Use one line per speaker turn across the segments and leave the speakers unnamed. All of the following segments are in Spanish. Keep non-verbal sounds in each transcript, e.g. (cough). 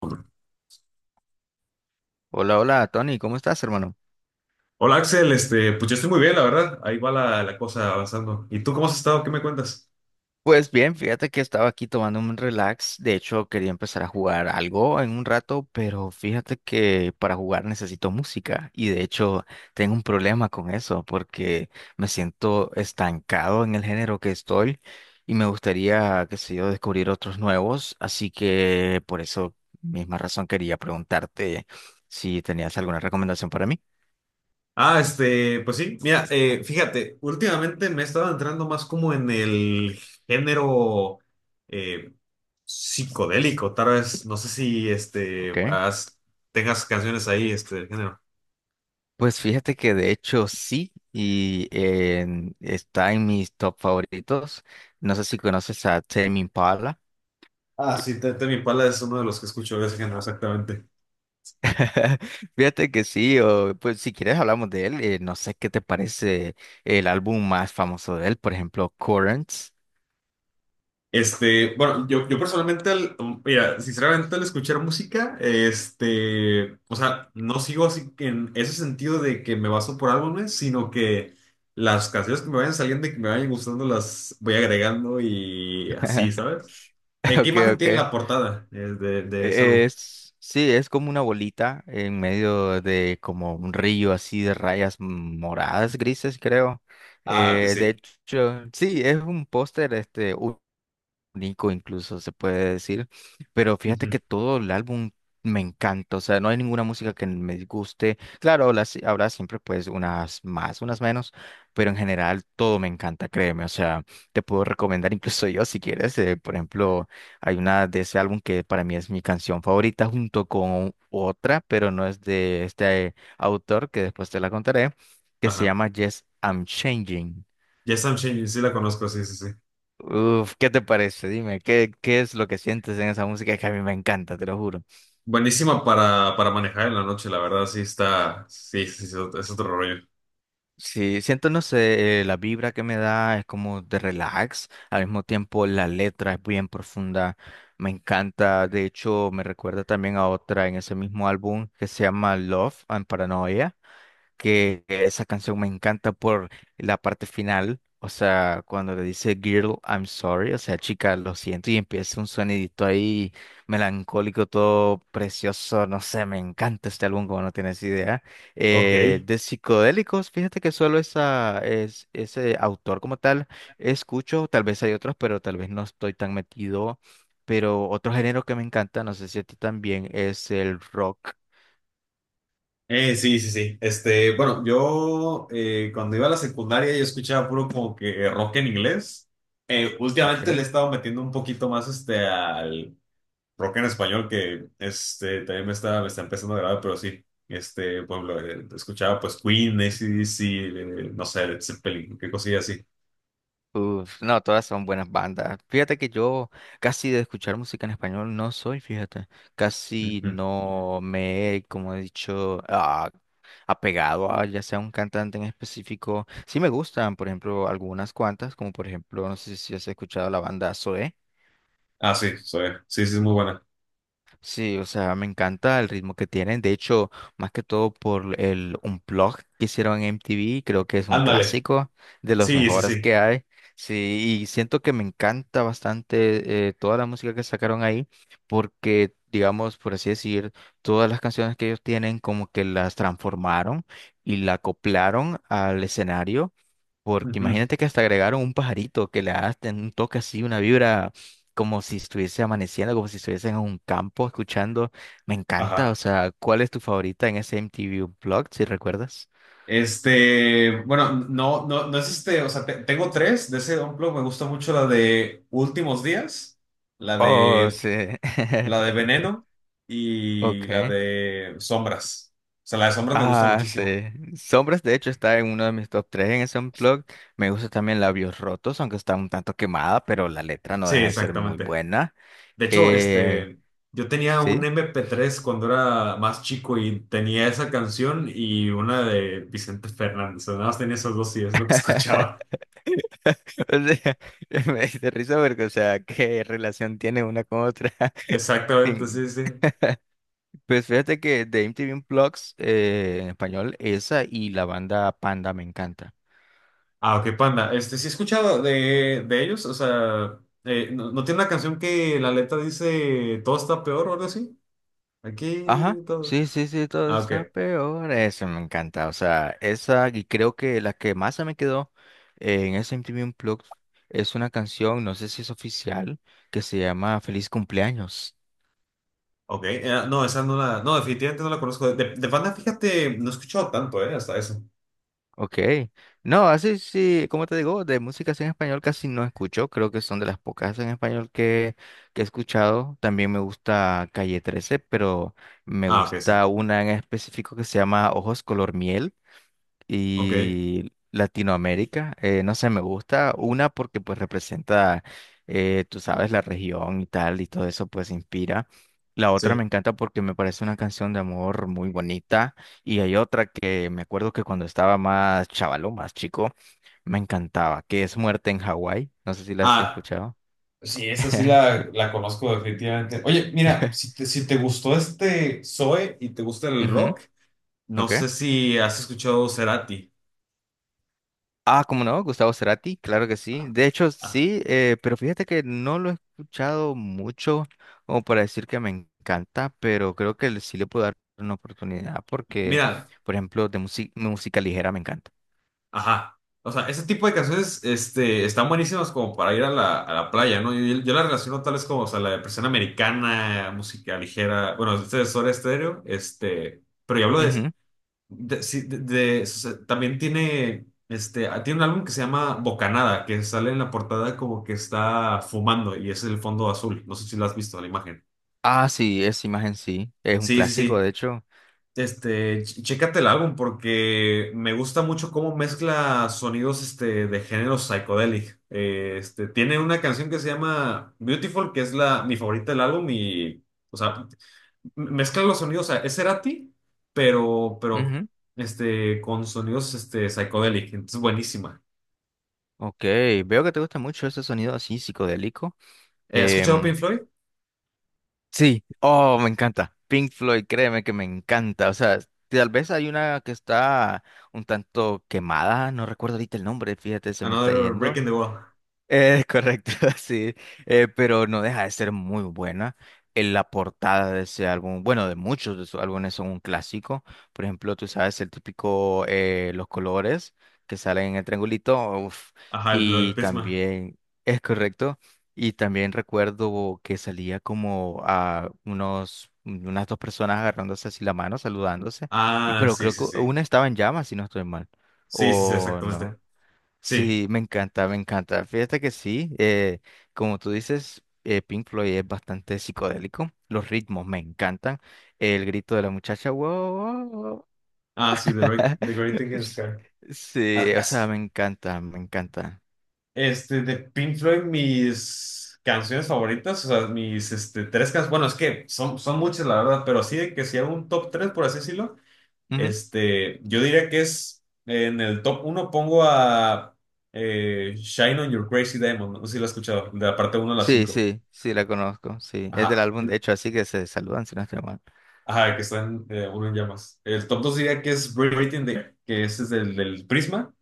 Hola
Hola, hola, Tony, ¿cómo estás, hermano?
Axel, pues yo estoy muy bien, la verdad. Ahí va la cosa avanzando. ¿Y tú cómo has estado? ¿Qué me cuentas?
Pues bien, fíjate que estaba aquí tomando un relax. De hecho, quería empezar a jugar algo en un rato, pero fíjate que para jugar necesito música y de hecho tengo un problema con eso porque me siento estancado en el género que estoy y me gustaría, qué sé yo, descubrir otros nuevos. Así que por eso, misma razón, quería preguntarte si tenías alguna recomendación para mí.
Ah, pues sí, mira, fíjate, últimamente me he estado entrando más como en el género eh, psicodélico, tal vez, no sé si
Ok.
tengas canciones ahí, del género.
Pues fíjate que de hecho sí, y está en mis top favoritos. No sé si conoces a Tame Impala.
Ah, sí, Temi Impala es uno de los que escucho de ese género, exactamente.
(laughs) Fíjate que sí, o pues si quieres hablamos de él. No sé qué te parece el álbum más famoso de él, por ejemplo, Currents.
Bueno, yo personalmente, mira, sinceramente al escuchar música, o sea, no sigo así que en ese sentido de que me baso por álbumes, sino que las canciones que me vayan saliendo y que me vayan gustando las voy agregando y así,
(laughs)
¿sabes? ¿Qué
Ok,
imagen
ok.
tiene
E,
la portada, de ese
e,
álbum?
Es, sí, es como una bolita en medio de como un río así de rayas moradas, grises, creo.
Ah, que
De
sí.
hecho, sí, es un póster este, Nico incluso se puede decir, pero fíjate
Ujú.
que todo el álbum me encanta, o sea, no hay ninguna música que me disguste, claro, habrá siempre pues unas más, unas menos, pero en general todo me encanta, créeme, o sea, te puedo recomendar incluso (laughs) yo si quieres, por ejemplo, hay una de ese álbum que para mí es mi canción favorita junto con otra, pero no es de este autor, que después te la contaré, que se
Ajá.
llama Yes, I'm Changing.
Yes, I'm Changing, sí la conozco, sí, sí, sí.
Uf, ¿qué te parece? Dime, ¿qué es lo que sientes en esa música? Es que a mí me encanta, te lo juro.
Buenísima para manejar en la noche, la verdad, sí está, sí, sí, sí, es otro rollo.
Sí, siento, no sé, la vibra que me da es como de relax, al mismo tiempo la letra es bien profunda, me encanta, de hecho me recuerda también a otra en ese mismo álbum que se llama Love and Paranoia, que esa canción me encanta por la parte final, o sea, cuando le dice Girl, I'm sorry, o sea, chica, lo siento, y empieza un sonidito ahí melancólico, todo precioso, no sé, me encanta este álbum, como no tienes idea. Eh,
Ok.
de psicodélicos, fíjate que solo ese autor como tal escucho, tal vez hay otros, pero tal vez no estoy tan metido. Pero otro género que me encanta, no sé si a ti también, es el rock,
Sí, sí, sí. Bueno, yo, cuando iba a la secundaria yo escuchaba puro como que rock en inglés. Últimamente le he
¿ok?
estado metiendo un poquito más al rock en español, que también me está empezando a agradar, pero sí. Por ejemplo, escuchaba pues Queen, AC/DC, no sé, Led Zeppelin, qué cosilla así.
Uf, no, todas son buenas bandas. Fíjate que yo casi de escuchar música en español no soy, fíjate. Casi
Ujú.
no me he, como he dicho, apegado a ya sea un cantante en específico. Sí me gustan, por ejemplo, algunas cuantas, como por ejemplo, no sé si has escuchado la banda Zoé.
Ah, sí, soy, sí, sí, es muy buena.
Sí, o sea, me encanta el ritmo que tienen. De hecho, más que todo por el Unplugged que hicieron en MTV, creo que es un
Ándale.
clásico de los
Sí, sí,
mejores
sí.
que hay. Sí, y siento que me encanta bastante toda la música que sacaron ahí, porque, digamos, por así decir, todas las canciones que ellos tienen como que las transformaron y la acoplaron al escenario. Porque
Ujú.
imagínate que hasta agregaron un pajarito que le da un toque así, una vibra como si estuviese amaneciendo, como si estuviese en un campo escuchando. Me encanta,
Ajá.
o sea, ¿cuál es tu favorita en ese MTV blog, si recuerdas?
Bueno, no, no, no es este, o sea, tengo tres de ese Unplugged. Me gusta mucho la de Últimos Días, la
Oh,
de,
sí.
la de
(laughs)
Veneno y la
Ok.
de Sombras. O sea, la de Sombras me gusta
Ah,
muchísimo.
sí. Sombras, de hecho, está en uno de mis top 3 en ese unplug. Me gusta también Labios Rotos, aunque está un tanto quemada, pero la letra no
Sí,
deja de ser muy
exactamente.
buena.
De hecho,
Eh,
yo tenía un
sí.
MP3 cuando era más chico y tenía esa canción y una de Vicente Fernández. O sea, nada más tenía esos dos y es lo que escuchaba.
(laughs) O sea, (laughs) me hice risa porque, o sea, ¿qué relación tiene una con otra?
(laughs)
(laughs)
Exactamente,
En-
sí, sí.
Pues fíjate que de MTV Unplugged, en español, esa y la banda Panda me encanta.
Ah, ok, Panda. Sí he escuchado de ellos, o sea, ¿no, no tiene una canción que la letra dice todo está peor o algo así? Aquí
Ajá,
todo.
sí, sí, sí, todo
Ah, ok.
está peor. Eso me encanta, o sea, esa y creo que la que más se me quedó, en ese MTV Unplugged, es una canción, no sé si es oficial, que se llama Feliz Cumpleaños.
Ok, no, esa no la, no, definitivamente no la conozco. De Panda, fíjate, no he escuchado tanto, ¿eh? Hasta eso.
Ok. No, así sí, como te digo, de músicas en español casi no escucho. Creo que son de las pocas en español que he escuchado. También me gusta Calle 13, pero me
Ah, ok, sí.
gusta una en específico que se llama Ojos Color Miel
Ok,
y Latinoamérica. No sé, me gusta una porque pues representa, tú sabes, la región y tal, y todo eso pues inspira. La otra
sí.
me encanta porque me parece una canción de amor muy bonita. Y hay otra que me acuerdo que cuando estaba más chavalo, más chico, me encantaba, que es Muerte en Hawái. No sé si la has
Ah,
escuchado.
sí, esa sí la,
(laughs)
la conozco, definitivamente. Oye, mira, si te gustó este Zoe y te gusta el
Ujú,
rock, no
ok.
sé si has escuchado Cerati.
Ah, ¿cómo no? Gustavo Cerati, claro que sí.
Ah,
De hecho,
ah.
sí, pero fíjate que no lo he escuchado mucho como para decir que me encanta, pero creo que sí le puedo dar una oportunidad porque,
Mira,
por ejemplo, de música ligera me encanta.
ajá. O sea, ese tipo de canciones, están buenísimas como para ir a la playa, ¿no? Yo la relaciono tal vez como, o sea, la depresión americana, música ligera, bueno, este es Soda Stereo. Pero yo hablo de,
Ujú.
de, sí, o sea, también tiene un álbum que se llama Bocanada, que sale en la portada como que está fumando y es el fondo azul, no sé si lo has visto la imagen.
Ah, sí, esa imagen sí, es un
Sí, sí,
clásico,
sí.
de hecho.
Chécate el álbum, porque me gusta mucho cómo mezcla sonidos, de género psychedelic. Tiene una canción que se llama Beautiful, que es mi favorita del álbum, y o sea, mezcla los sonidos. O sea, es Cerati, pero,
Ujú.
con sonidos, psychedelic. Entonces, buenísima.
Ok, veo que te gusta mucho ese sonido así psicodélico.
¿Has escuchado
Em,
Pink Floyd?
Sí, oh, me encanta. Pink Floyd, créeme que me encanta. O sea, tal vez hay una que está un tanto quemada, no recuerdo ahorita el nombre, fíjate, se me está
Another Brick
yendo.
in the Wall.
Es correcto, (laughs) sí, pero no deja de ser muy buena. En la portada de ese álbum, bueno, de muchos de sus álbumes son un clásico. Por ejemplo, tú sabes el típico, los colores que salen en el triangulito, uf,
Ajá, el,
y
Prisma.
también es correcto. Y también recuerdo que salía como a unas dos personas agarrándose así la mano, saludándose. Y
Ah,
pero
sí,
creo
sí,
que
sí.
una estaba en llamas, si no estoy mal,
Sí, sí, sí,
o
exactamente.
no.
Sí.
Sí, me encanta, me encanta. Fíjate que sí, como tú dices, Pink Floyd es bastante psicodélico. Los ritmos me encantan. El grito de la muchacha, wow, wow". wow".
Ah, sí, The Great
(laughs)
Thing in the
S-
Sky.
Sí, o sea,
as-
me encanta, me encanta.
De Pink Floyd, mis canciones favoritas, o sea, mis, tres canciones, bueno, es que son muchas, la verdad. Pero sí, de que si hago un top tres, por así decirlo,
Ujú.
yo diría que es, en el top uno pongo a, Shine on Your Crazy Diamond, no sé si lo has escuchado, de la parte uno a la
Sí,
cinco.
sí, sí, la conozco, sí. Es del
Ajá,
álbum, de hecho, así que se saludan si no estoy mal.
ajá, que están, uno en llamas. El top 2 diría que es Breathing, the, que ese es del Prisma.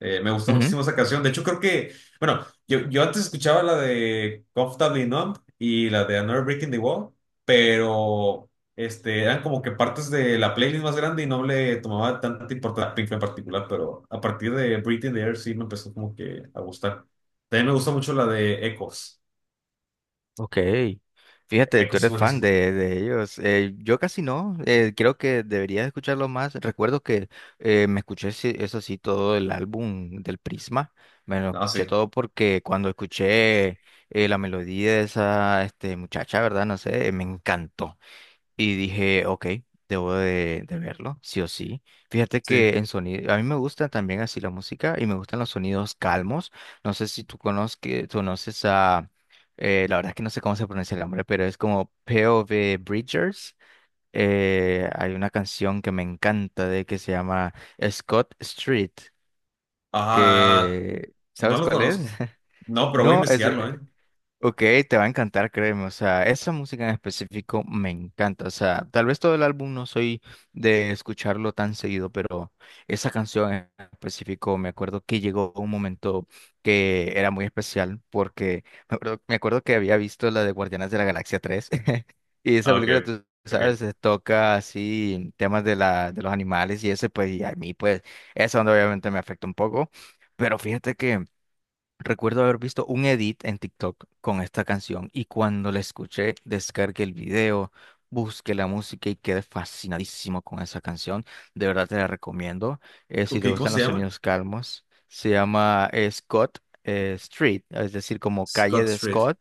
Me gusta muchísimo esa canción. De hecho, creo que, bueno, yo antes escuchaba la de Comfortably Numb y la de Another Breaking the Wall, pero eran como que partes de la playlist más grande y no le tomaba tanta importancia a Pink en particular, pero a partir de Breathing the Air sí me empezó como que a gustar. También me gusta mucho la de Echoes.
Ok, fíjate, tú
Echoes es
eres fan
buenísimo.
de ellos. Yo casi no, creo que debería escucharlo más. Recuerdo que me escuché, eso sí, todo el álbum del Prisma. Me lo
Ah, sí,
escuché todo porque cuando escuché la melodía de esa muchacha, ¿verdad? No sé, me encantó. Y dije, ok, debo de verlo, sí o sí. Fíjate
sí.
que en sonido, a mí me gusta también así la música y me gustan los sonidos calmos. No sé si tú conoces a, la verdad es que no sé cómo se pronuncia el nombre, pero es como P O P.O.V. Bridgers. Hay una canción que me encanta de que se llama Scott Street,
Ah,
que,
no
¿sabes
lo
cuál es?
conozco.
(laughs)
No, pero voy a
No,
investigarlo, ¿eh?
ok, te va a encantar, créeme. O sea, esa música en específico me encanta. O sea, tal vez todo el álbum no soy de escucharlo tan seguido, pero esa canción en específico me acuerdo que llegó un momento que era muy especial porque me acuerdo que había visto la de Guardianes de la Galaxia 3 (laughs) y esa
Ah, ok,
película, tú sabes,
ok.
se toca así temas de los animales y ese, pues, y a mí, pues, esa onda obviamente me afecta un poco. Pero fíjate que. Recuerdo haber visto un edit en TikTok con esta canción y cuando la escuché, descargué el video, busqué la música y quedé fascinadísimo con esa canción. De verdad te la recomiendo. Si
Ok,
te
¿cómo
gustan
se
los
llama?
sonidos calmos, se llama Scott Street, es decir, como calle
Scott
de
Street.
Scott,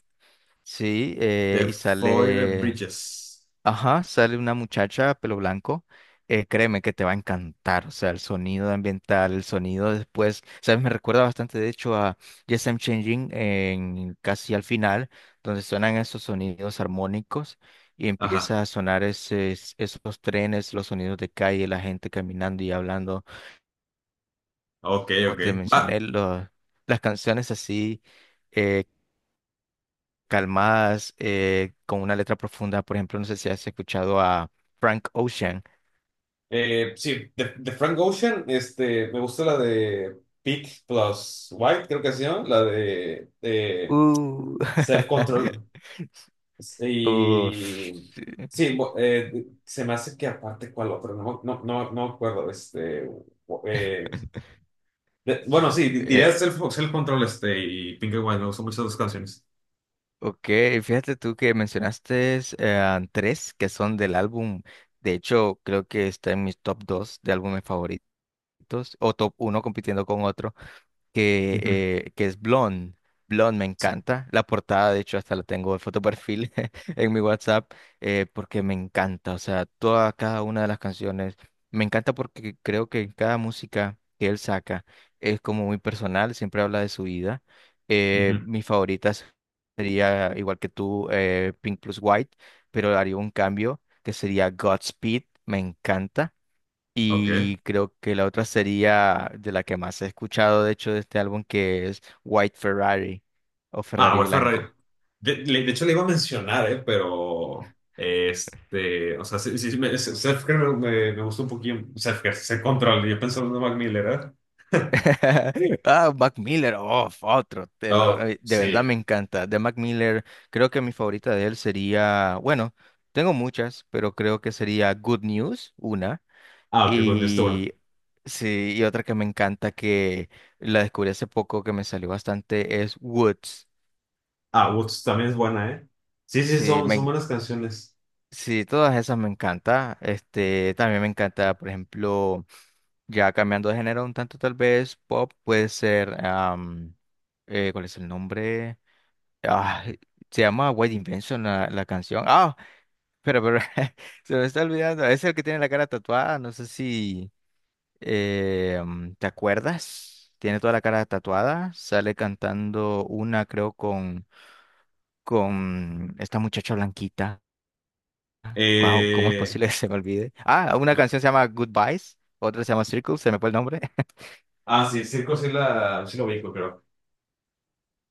sí,
The
y
Five
sale.
Bridges.
Ajá, sale una muchacha, pelo blanco. Créeme que te va a encantar. O sea, el sonido ambiental, el sonido después. ¿Sabes? Me recuerda bastante, de hecho, a Yes, I'm Changing en casi al final, donde suenan esos sonidos armónicos y
Ajá.
empieza a sonar esos trenes, los sonidos de calle, la gente caminando y hablando.
Ok,
Como
ok.
te
Va.
mencioné, las canciones así, eh, calmadas, con una letra profunda, por ejemplo, no sé si has escuchado a Frank Ocean.
Sí, de Frank Ocean, me gusta la de Peak plus White, creo que se llama, la de
Uh.
Self Control.
(laughs)
Y
Uf. Sí.
sí, se me hace que aparte cuál otro, no, no, no, no me acuerdo. Eh, bueno, sí, diría
Eh,
Self Control, y Pink and White. Me gustan mucho esas dos canciones.
ok, fíjate tú que mencionaste tres que son del álbum. De hecho, creo que está en mis top dos de álbumes favoritos o top uno compitiendo con otro, que,
Ujú,
que es Blonde. Blonde me encanta. La portada, de hecho, hasta la tengo de foto perfil (laughs) en mi WhatsApp, porque me encanta. O sea, toda cada una de las canciones. Me encanta porque creo que cada música que él saca es como muy personal, siempre habla de su vida. Eh,
ujú.
mis favoritas sería, igual que tú, Pink Plus White, pero haría un cambio que sería Godspeed. Me encanta.
Ok.
Y creo que la otra sería de la que más he escuchado, de hecho, de este álbum, que es White Ferrari o
Ah,
Ferrari
bueno, Ferrari.
Blanco.
De hecho, le iba a mencionar, ¿eh? Pero, o sea, sí, sí, sí, Selfcare me, me gustó un poquito. Selfcare, se control. Yo pensaba en Mac Miller, ¿eh?
(laughs) Ah, Mac Miller, oh, otro. te lo-
Oh,
eh, de verdad me
sí.
encanta. De Mac Miller, creo que mi favorita de él sería, bueno, tengo muchas, pero creo que sería Good News, una.
Ah, ok, con esto, bueno.
Y sí, y otra que me encanta, que la descubrí hace poco, que me salió bastante, es Woods.
Ah, Woods también es buena, ¿eh? Sí, sí,
Sí,
son
me,
buenas canciones.
Sí, todas esas me encanta. También me encanta, por ejemplo, ya cambiando de género un tanto tal vez, pop puede ser, ¿cuál es el nombre? Ah, se llama White Invention la canción. Ah, pero (laughs) se me está olvidando. Es el que tiene la cara tatuada. No sé si te acuerdas. Tiene toda la cara tatuada. Sale cantando una, creo, con esta muchacha blanquita. Wow, ¿cómo es
Eh,
posible que se me olvide? Ah, una
no.
canción se llama Goodbyes, otra se llama Circle, se me fue el nombre. (laughs)
Ah, sí, Circo sí, sí lo vi, creo.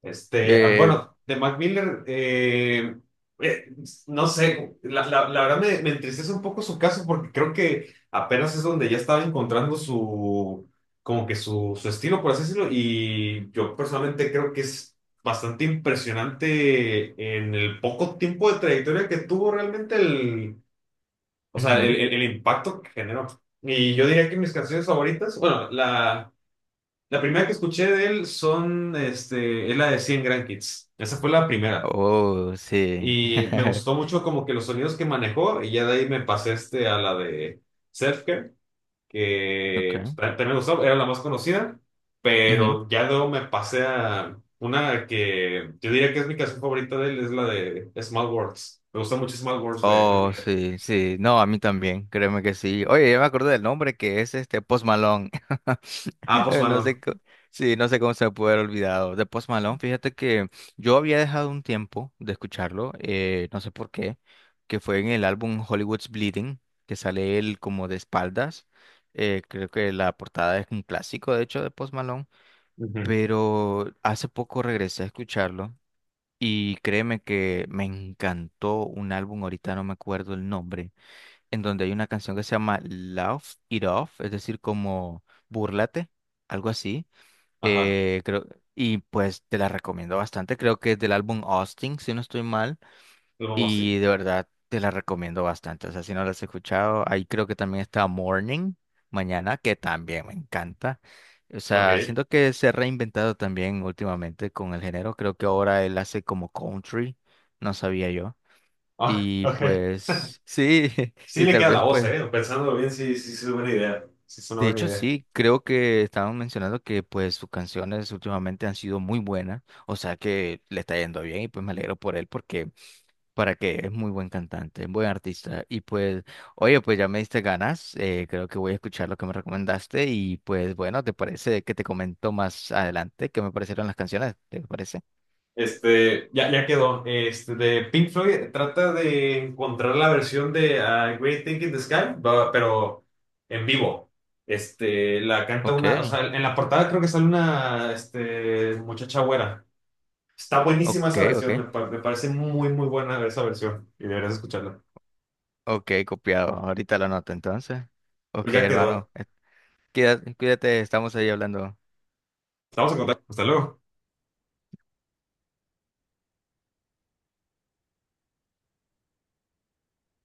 Eh,
Bueno, de Mac Miller, eh, no sé, la verdad me entristece un poco su caso, porque creo que apenas es donde ya estaba encontrando su, como que su estilo, por así decirlo, y yo personalmente creo que es bastante impresionante en el poco tiempo de trayectoria que tuvo realmente o sea,
Ujú.
el impacto que generó. Y yo diría que mis canciones favoritas, bueno, la primera que escuché de él, es la de 100 Grand Kids. Esa fue la primera.
Oh, sí.
Y me gustó
(laughs)
mucho como que los sonidos que manejó, y ya de ahí me pasé a la de Self, que
Okay.
pues, también me gustó, era la más conocida.
Ujú.
Pero ya luego me pasé a una que yo diría que es mi canción favorita de él, es la de Small Worlds. Me gusta mucho Small Worlds de Mike
Oh,
Miller.
sí, sí. No, a mí también, créeme que sí. Oye, ya me acordé del nombre que es este Post Malone. (laughs)
Ah,
(laughs)
Post
No
Malone.
sé, sí, no sé cómo se me puede haber olvidado. De Post Malone, fíjate que yo había dejado un tiempo de escucharlo, no sé por qué, que fue en el álbum Hollywood's Bleeding, que sale él como de espaldas. Creo que la portada es un clásico, de hecho, de Post Malone,
Ujú.
pero hace poco regresé a escucharlo y créeme que me encantó un álbum, ahorita no me acuerdo el nombre, en donde hay una canción que se llama Laugh It Off, es decir, como búrlate, algo así
Ajá,
creo, y pues te la recomiendo bastante. Creo que es del álbum Austin, si no estoy mal.
lo vamos así.
Y de verdad te la recomiendo bastante. O sea, si no la has escuchado, ahí creo que también está Morning, mañana, que también me encanta. O
Ok.
sea, siento que se ha reinventado también últimamente con el género. Creo que ahora él hace como country, no sabía yo.
Ah,
Y
(laughs) ok.
pues sí, (laughs)
Sí
y
le
tal
queda la
vez
voz,
pues.
¿eh? Pensándolo bien, sí, sí, sí es buena idea. Sí es una
De
buena
hecho,
idea.
sí, creo que estaban mencionando que pues sus canciones últimamente han sido muy buenas, o sea que le está yendo bien y pues me alegro por él porque para que es muy buen cantante, buen artista y pues, oye, pues ya me diste ganas, creo que voy a escuchar lo que me recomendaste y pues bueno, ¿te parece que te comento más adelante qué me parecieron las canciones? ¿Te parece?
Ya quedó. De Pink Floyd, trata de encontrar la versión de, Great Thing in the Sky, pero en vivo. La canta
Ok,
una, o sea, en la portada creo que sale una, muchacha güera. Está buenísima
ok,
esa
ok,
versión. Me parece muy, muy buena esa versión y deberías escucharla.
ok, copiado, ahorita lo anoto entonces.
Pues
Ok,
ya
hermano,
quedó.
cuídate, cuídate, estamos ahí hablando.
Estamos en contacto. Hasta luego.